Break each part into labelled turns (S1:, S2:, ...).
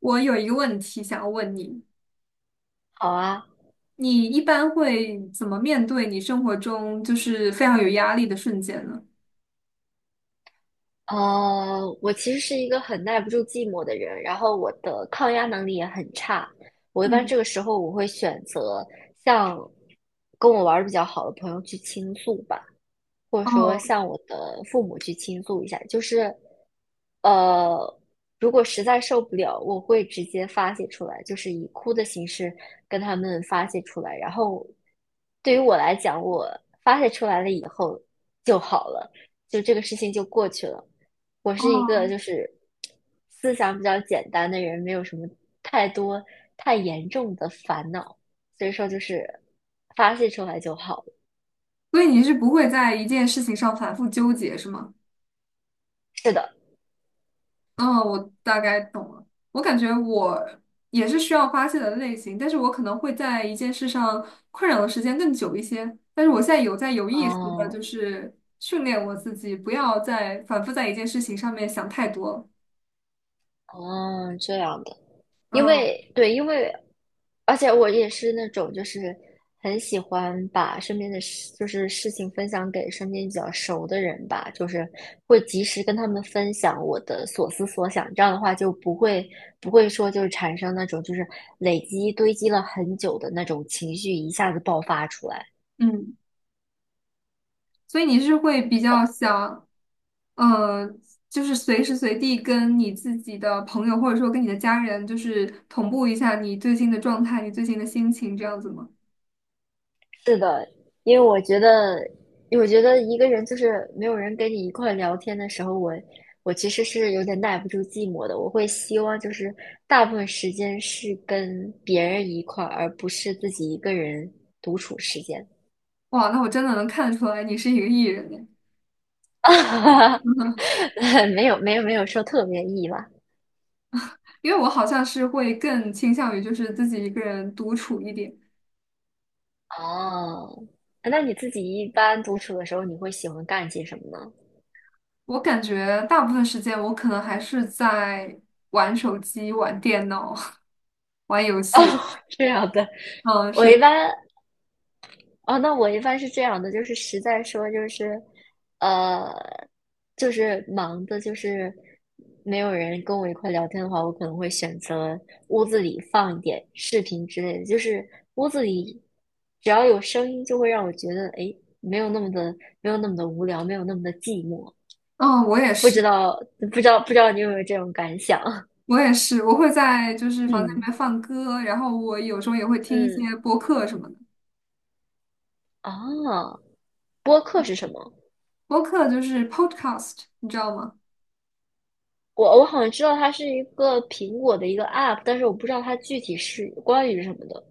S1: 我有一个问题想要问你，
S2: 好啊。
S1: 你一般会怎么面对你生活中就是非常有压力的瞬间呢？
S2: 我其实是一个很耐不住寂寞的人，然后我的抗压能力也很差。我一般
S1: 嗯，
S2: 这个时候我会选择向跟我玩的比较好的朋友去倾诉吧。或者说
S1: 哦
S2: 向我的父母去倾诉一下。呃，如果实在受不了，我会直接发泄出来，就是以哭的形式跟他们发泄出来。然后，对于我来讲，我发泄出来了以后就好了，就这个事情就过去了。我是一
S1: 哦，
S2: 个就是思想比较简单的人，没有什么太多太严重的烦恼，所以说就是发泄出来就好了。
S1: 所以你是不会在一件事情上反复纠结，是吗？
S2: 是的。
S1: 嗯，我大概懂了。我感觉我也是需要发泄的类型，但是我可能会在一件事上困扰的时间更久一些。但是我现在有在有意识的，
S2: 哦。
S1: 就是训练我自己，不要再反复在一件事情上面想太多了。
S2: 哦，这样的。因
S1: 嗯
S2: 为对，因为而且我也是那种就是很喜欢把身边的事，就是事情分享给身边比较熟的人吧，就是会及时跟他们分享我的所思所想，这样的话就不会说就是产生那种就是累积堆积了很久的那种情绪一下子爆发出来。
S1: 嗯。所以你是会比较想，呃，就是随时随地跟你自己的朋友或者说跟你的家人，就是同步一下你最近的状态，你最近的心情这样子吗？
S2: 是的。因为我觉得，因为我觉得一个人就是没有人跟你一块聊天的时候，我其实是有点耐不住寂寞的。我会希望就是大部分时间是跟别人一块儿，而不是自己一个人独处时间。
S1: 哇，那我真的能看得出来你是一个 E 人耶，
S2: 没有没有没有说特别意吧？
S1: 因为我好像是会更倾向于就是自己一个人独处一点。
S2: 哦，那你自己一般独处的时候，你会喜欢干些什么呢？
S1: 我感觉大部分时间我可能还是在玩手机、玩电脑、玩游
S2: 哦，
S1: 戏。
S2: 这样的。
S1: 嗯，
S2: 我一
S1: 是，
S2: 般我一般是这样的，就是实在说，就是，呃，就是忙的，就是没有人跟我一块聊天的话，我可能会选择屋子里放一点视频之类的，就是屋子里只要有声音，就会让我觉得，哎，没有那么的，没有那么的无聊，没有那么的寂寞。
S1: 嗯，我也是。
S2: 不知道你有没有这种感想？
S1: 我也是，我会在就是房间里
S2: 嗯
S1: 面放歌，然后我有时候也会听一
S2: 嗯。
S1: 些播客什么的。
S2: 啊，播客是什么？
S1: 播客就是 podcast，你知道吗？
S2: 我好像知道它是一个苹果的一个 app,但是我不知道它具体是关于什么的。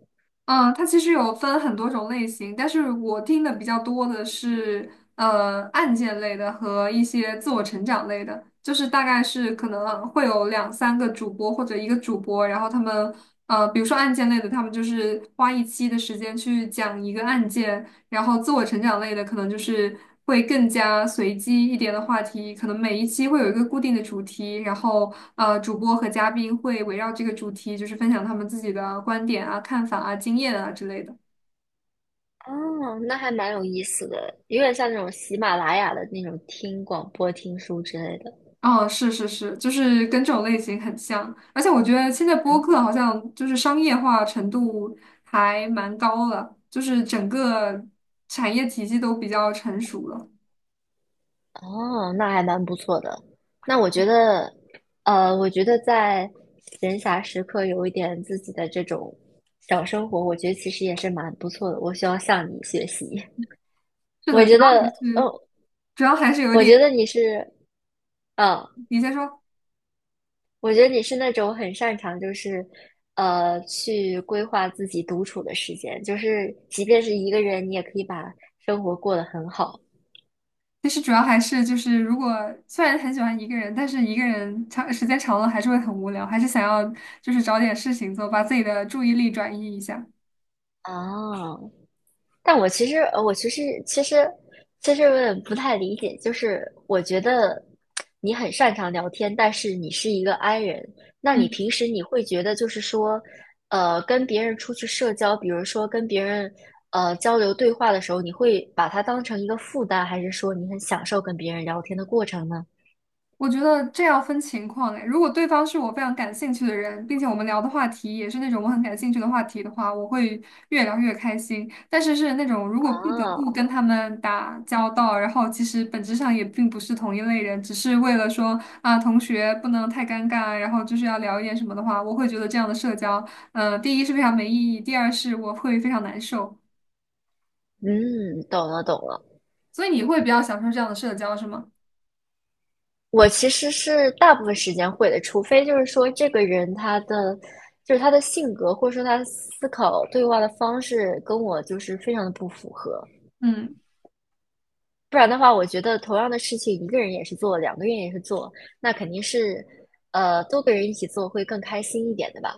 S1: 嗯，它其实有分很多种类型，但是我听的比较多的是案件类的和一些自我成长类的，就是大概是可能会有两三个主播或者一个主播，然后他们比如说案件类的，他们就是花一期的时间去讲一个案件。然后自我成长类的可能就是会更加随机一点的话题，可能每一期会有一个固定的主题，然后主播和嘉宾会围绕这个主题，就是分享他们自己的观点啊、看法啊、经验啊之类的。
S2: 哦，那还蛮有意思的，有点像那种喜马拉雅的那种听广播、听书之类的。
S1: 哦，是是是，就是跟这种类型很像，而且我觉得现在播
S2: 嗯。
S1: 客好像就是商业化程度还蛮高了，就是整个产业体系都比较成熟了。
S2: 哦，那还蛮不错的。那我觉得，呃，我觉得在闲暇时刻有一点自己的这种小生活，我觉得其实也是蛮不错的。我需要向你学习。
S1: 是
S2: 我
S1: 的，主
S2: 觉
S1: 要还
S2: 得，嗯，
S1: 是主要还是有
S2: 我
S1: 点，
S2: 觉得你是，嗯、
S1: 你先说。
S2: 我觉得你是那种很擅长，去规划自己独处的时间，就是即便是一个人，你也可以把生活过得很好
S1: 其实主要还是就是，如果虽然很喜欢一个人，但是一个人长时间长了还是会很无聊，还是想要就是找点事情做，把自己的注意力转移一下。
S2: 啊。但我其实有点不太理解，就是我觉得你很擅长聊天，但是你是一个 I 人，那你
S1: 嗯。
S2: 平时你会觉得就是说，跟别人出去社交，比如说跟别人交流对话的时候，你会把它当成一个负担，还是说你很享受跟别人聊天的过程呢？
S1: 我觉得这要分情况哎，如果对方是我非常感兴趣的人，并且我们聊的话题也是那种我很感兴趣的话题的话，我会越聊越开心。但是是那种如果不得
S2: 啊，
S1: 不跟他们打交道，然后其实本质上也并不是同一类人，只是为了说啊同学不能太尴尬，然后就是要聊一点什么的话，我会觉得这样的社交，第一是非常没意义，第二是我会非常难受。
S2: 嗯，懂了懂了。
S1: 所以你会比较享受这样的社交是吗？
S2: 我其实是大部分时间会的，除非就是说这个人他的就是他的性格或者说他的思考对话的方式跟我就是非常的不符合，
S1: 嗯。
S2: 不然的话，我觉得同样的事情一个人也是做，两个人也是做，那肯定是多个人一起做会更开心一点的吧。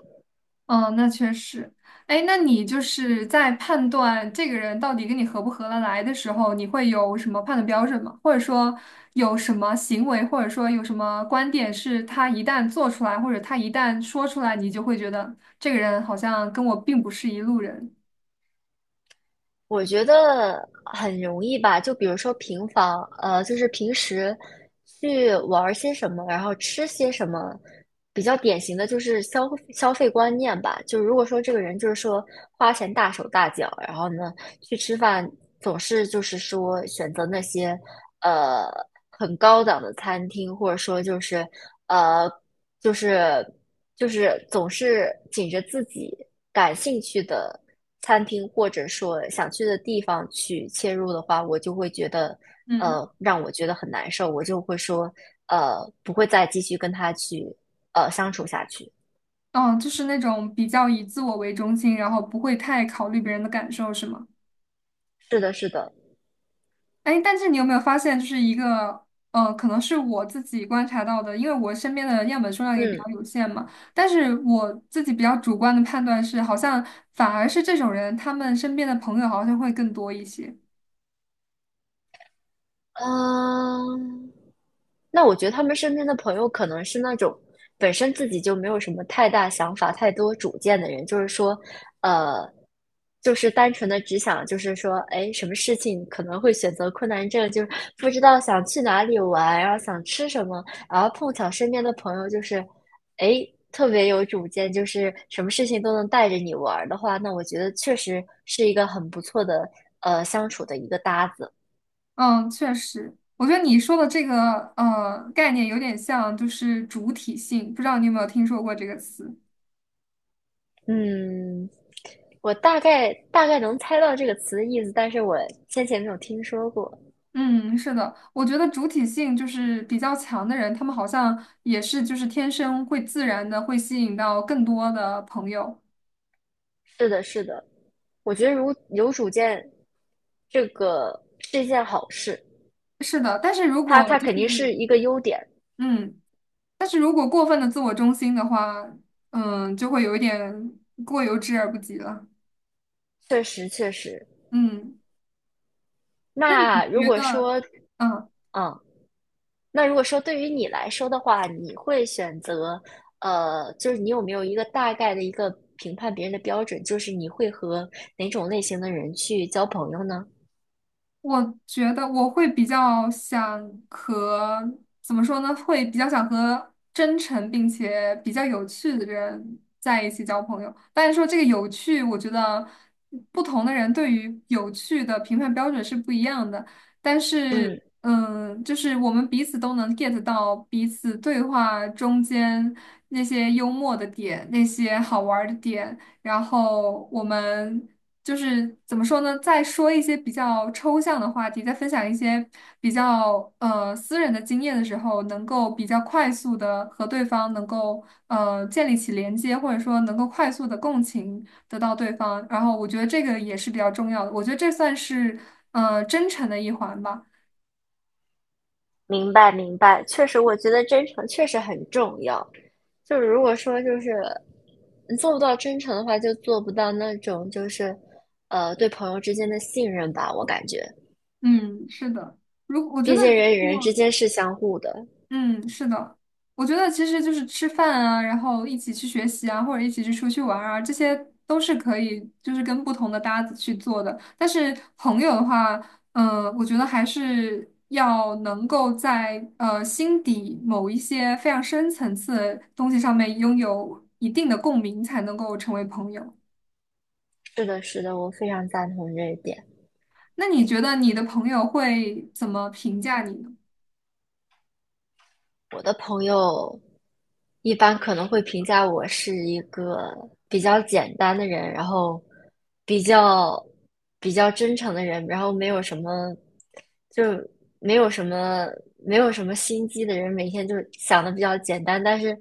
S1: 哦，那确实。哎，那你就是在判断这个人到底跟你合不合得来的时候，你会有什么判断标准吗？或者说有什么行为，或者说有什么观点，是他一旦做出来，或者他一旦说出来，你就会觉得这个人好像跟我并不是一路人。
S2: 我觉得很容易吧，就比如说平房，呃，就是平时去玩儿些什么，然后吃些什么，比较典型的就是消费观念吧。就如果说这个人就是说花钱大手大脚，然后呢去吃饭总是就是说选择那些呃很高档的餐厅，或者说呃就是。总是紧着自己感兴趣的餐厅或者说想去的地方去切入的话，我就会觉得，
S1: 嗯，
S2: 让我觉得很难受，我就会说，不会再继续跟他去，相处下去。
S1: 哦，就是那种比较以自我为中心，然后不会太考虑别人的感受，是吗？
S2: 是的，是的。
S1: 哎，但是你有没有发现，就是一个，可能是我自己观察到的，因为我身边的样本数量也比
S2: 嗯。
S1: 较有限嘛。但是我自己比较主观的判断是，好像反而是这种人，他们身边的朋友好像会更多一些。
S2: 嗯、那我觉得他们身边的朋友可能是那种本身自己就没有什么太大想法、太多主见的人，就是说，呃，就是单纯的只想，就是说，哎，什么事情可能会选择困难症，就是不知道想去哪里玩，然后想吃什么，然后碰巧身边的朋友就是，哎，特别有主见，就是什么事情都能带着你玩儿的话，那我觉得确实是一个很不错的相处的一个搭子。
S1: 嗯，确实，我觉得你说的这个概念有点像，就是主体性，不知道你有没有听说过这个词？
S2: 嗯，我大概能猜到这个词的意思，但是我先前没有听说过。
S1: 嗯，是的，我觉得主体性就是比较强的人，他们好像也是就是天生会自然的会吸引到更多的朋友。
S2: 是的，是的，我觉得如有主见，这个是一件好事，
S1: 是的，
S2: 它它肯定是一个优点。
S1: 嗯，但是如果过分的自我中心的话，就会有一点过犹之而不及了。
S2: 确实确实。
S1: 嗯，那你
S2: 那如
S1: 觉
S2: 果
S1: 得，
S2: 说，
S1: 嗯，
S2: 嗯，那如果说对于你来说的话，你会选择，就是你有没有一个大概的一个评判别人的标准，就是你会和哪种类型的人去交朋友呢？
S1: 我觉得我会比较想和，怎么说呢？会比较想和真诚并且比较有趣的人在一起交朋友。但是说这个有趣，我觉得不同的人对于有趣的评判标准是不一样的。但是，
S2: 嗯。
S1: 就是我们彼此都能 get 到彼此对话中间那些幽默的点，那些好玩儿的点。然后我们就是怎么说呢？在说一些比较抽象的话题，在分享一些比较私人的经验的时候，能够比较快速的和对方能够建立起连接，或者说能够快速的共情得到对方。然后我觉得这个也是比较重要的，我觉得这算是真诚的一环吧。
S2: 明白明白，确实，我觉得真诚确实很重要。就是如果说就是你做不到真诚的话，就做不到那种就是对朋友之间的信任吧。我感觉，
S1: 嗯，是的。我觉
S2: 毕
S1: 得
S2: 竟
S1: 如
S2: 人与人
S1: 果
S2: 之间是相互的。
S1: 嗯，是的，我觉得其实就是吃饭啊，然后一起去学习啊，或者一起去出去玩儿啊，这些都是可以，就是跟不同的搭子去做的。但是朋友的话，我觉得还是要能够在心底某一些非常深层次的东西上面拥有一定的共鸣，才能够成为朋友。
S2: 是的，是的，我非常赞同这一点。
S1: 那你觉得你的朋友会怎么评价你呢？
S2: 我的朋友一般可能会评价我是一个比较简单的人，然后比较比较真诚的人，然后没有什么就没有什么没有什么心机的人，每天就想的比较简单，但是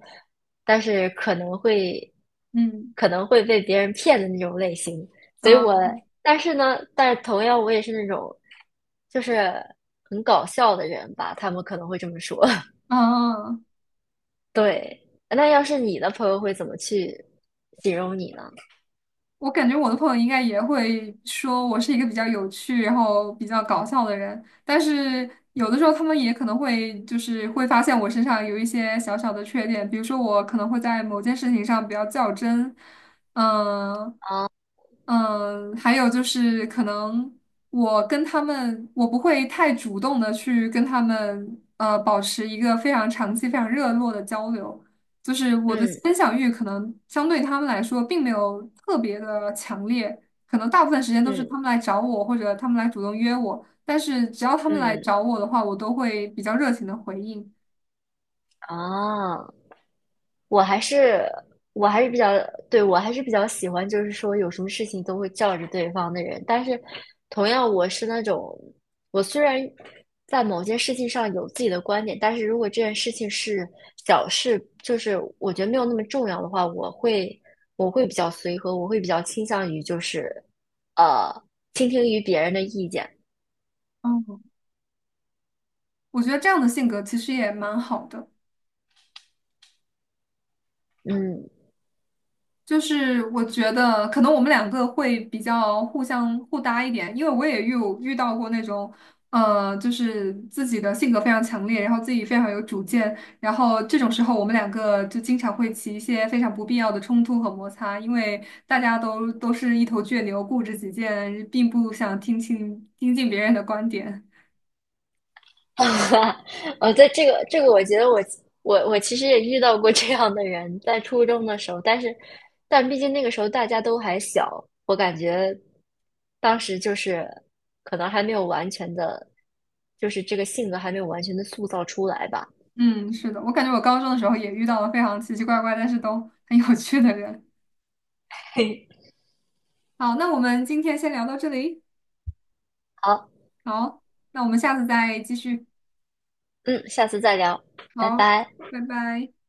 S2: 但是可能会
S1: 嗯，
S2: 可能会被别人骗的那种类型。所以我
S1: 嗯
S2: 但是呢，但是同样我也是那种就是很搞笑的人吧，他们可能会这么说。
S1: 嗯。啊
S2: 对，那要是你的朋友会怎么去形容你呢？
S1: 我感觉我的朋友应该也会说我是一个比较有趣，然后比较搞笑的人，但是有的时候他们也可能会就是会发现我身上有一些小小的缺点，比如说我可能会在某件事情上比较较真，嗯
S2: 啊，
S1: 嗯，还有就是可能我跟他们，我不会太主动的去跟他们保持一个非常长期、非常热络的交流。就是我的
S2: 嗯
S1: 分享欲可能相对他们来说并没有特别的强烈，可能大部分时间都是
S2: 嗯
S1: 他们来找我或者他们来主动约我，但是只要他们来
S2: 嗯，
S1: 找我的话，我都会比较热情的回应。
S2: 啊。我还是我还是比较，对，我还是比较喜欢，就是说有什么事情都会叫着对方的人。但是，同样我是那种，我虽然在某件事情上有自己的观点，但是如果这件事情是小事，就是我觉得没有那么重要的话，我会比较随和，我会比较倾向于就是呃倾听于别人的意见。
S1: 嗯，我觉得这样的性格其实也蛮好的。
S2: 嗯。
S1: 就是我觉得可能我们两个会比较互相互搭一点，因为我也遇到过那种，就是自己的性格非常强烈，然后自己非常有主见，然后这种时候我们两个就经常会起一些非常不必要的冲突和摩擦，因为大家都是一头倔牛，固执己见，并不想听进别人的观点。
S2: 啊哦，在我觉得我其实也遇到过这样的人，在初中的时候，但毕竟那个时候大家都还小，我感觉当时就是可能还没有完全的，就是这个性格还没有完全的塑造出来吧。
S1: 嗯，是的，我感觉我高中的时候也遇到了非常奇奇怪怪，但是都很有趣的人。好，那我们今天先聊到这里。
S2: 好，
S1: 好，那我们下次再继续。
S2: 嗯，下次再聊，拜
S1: 好，
S2: 拜。
S1: 拜拜。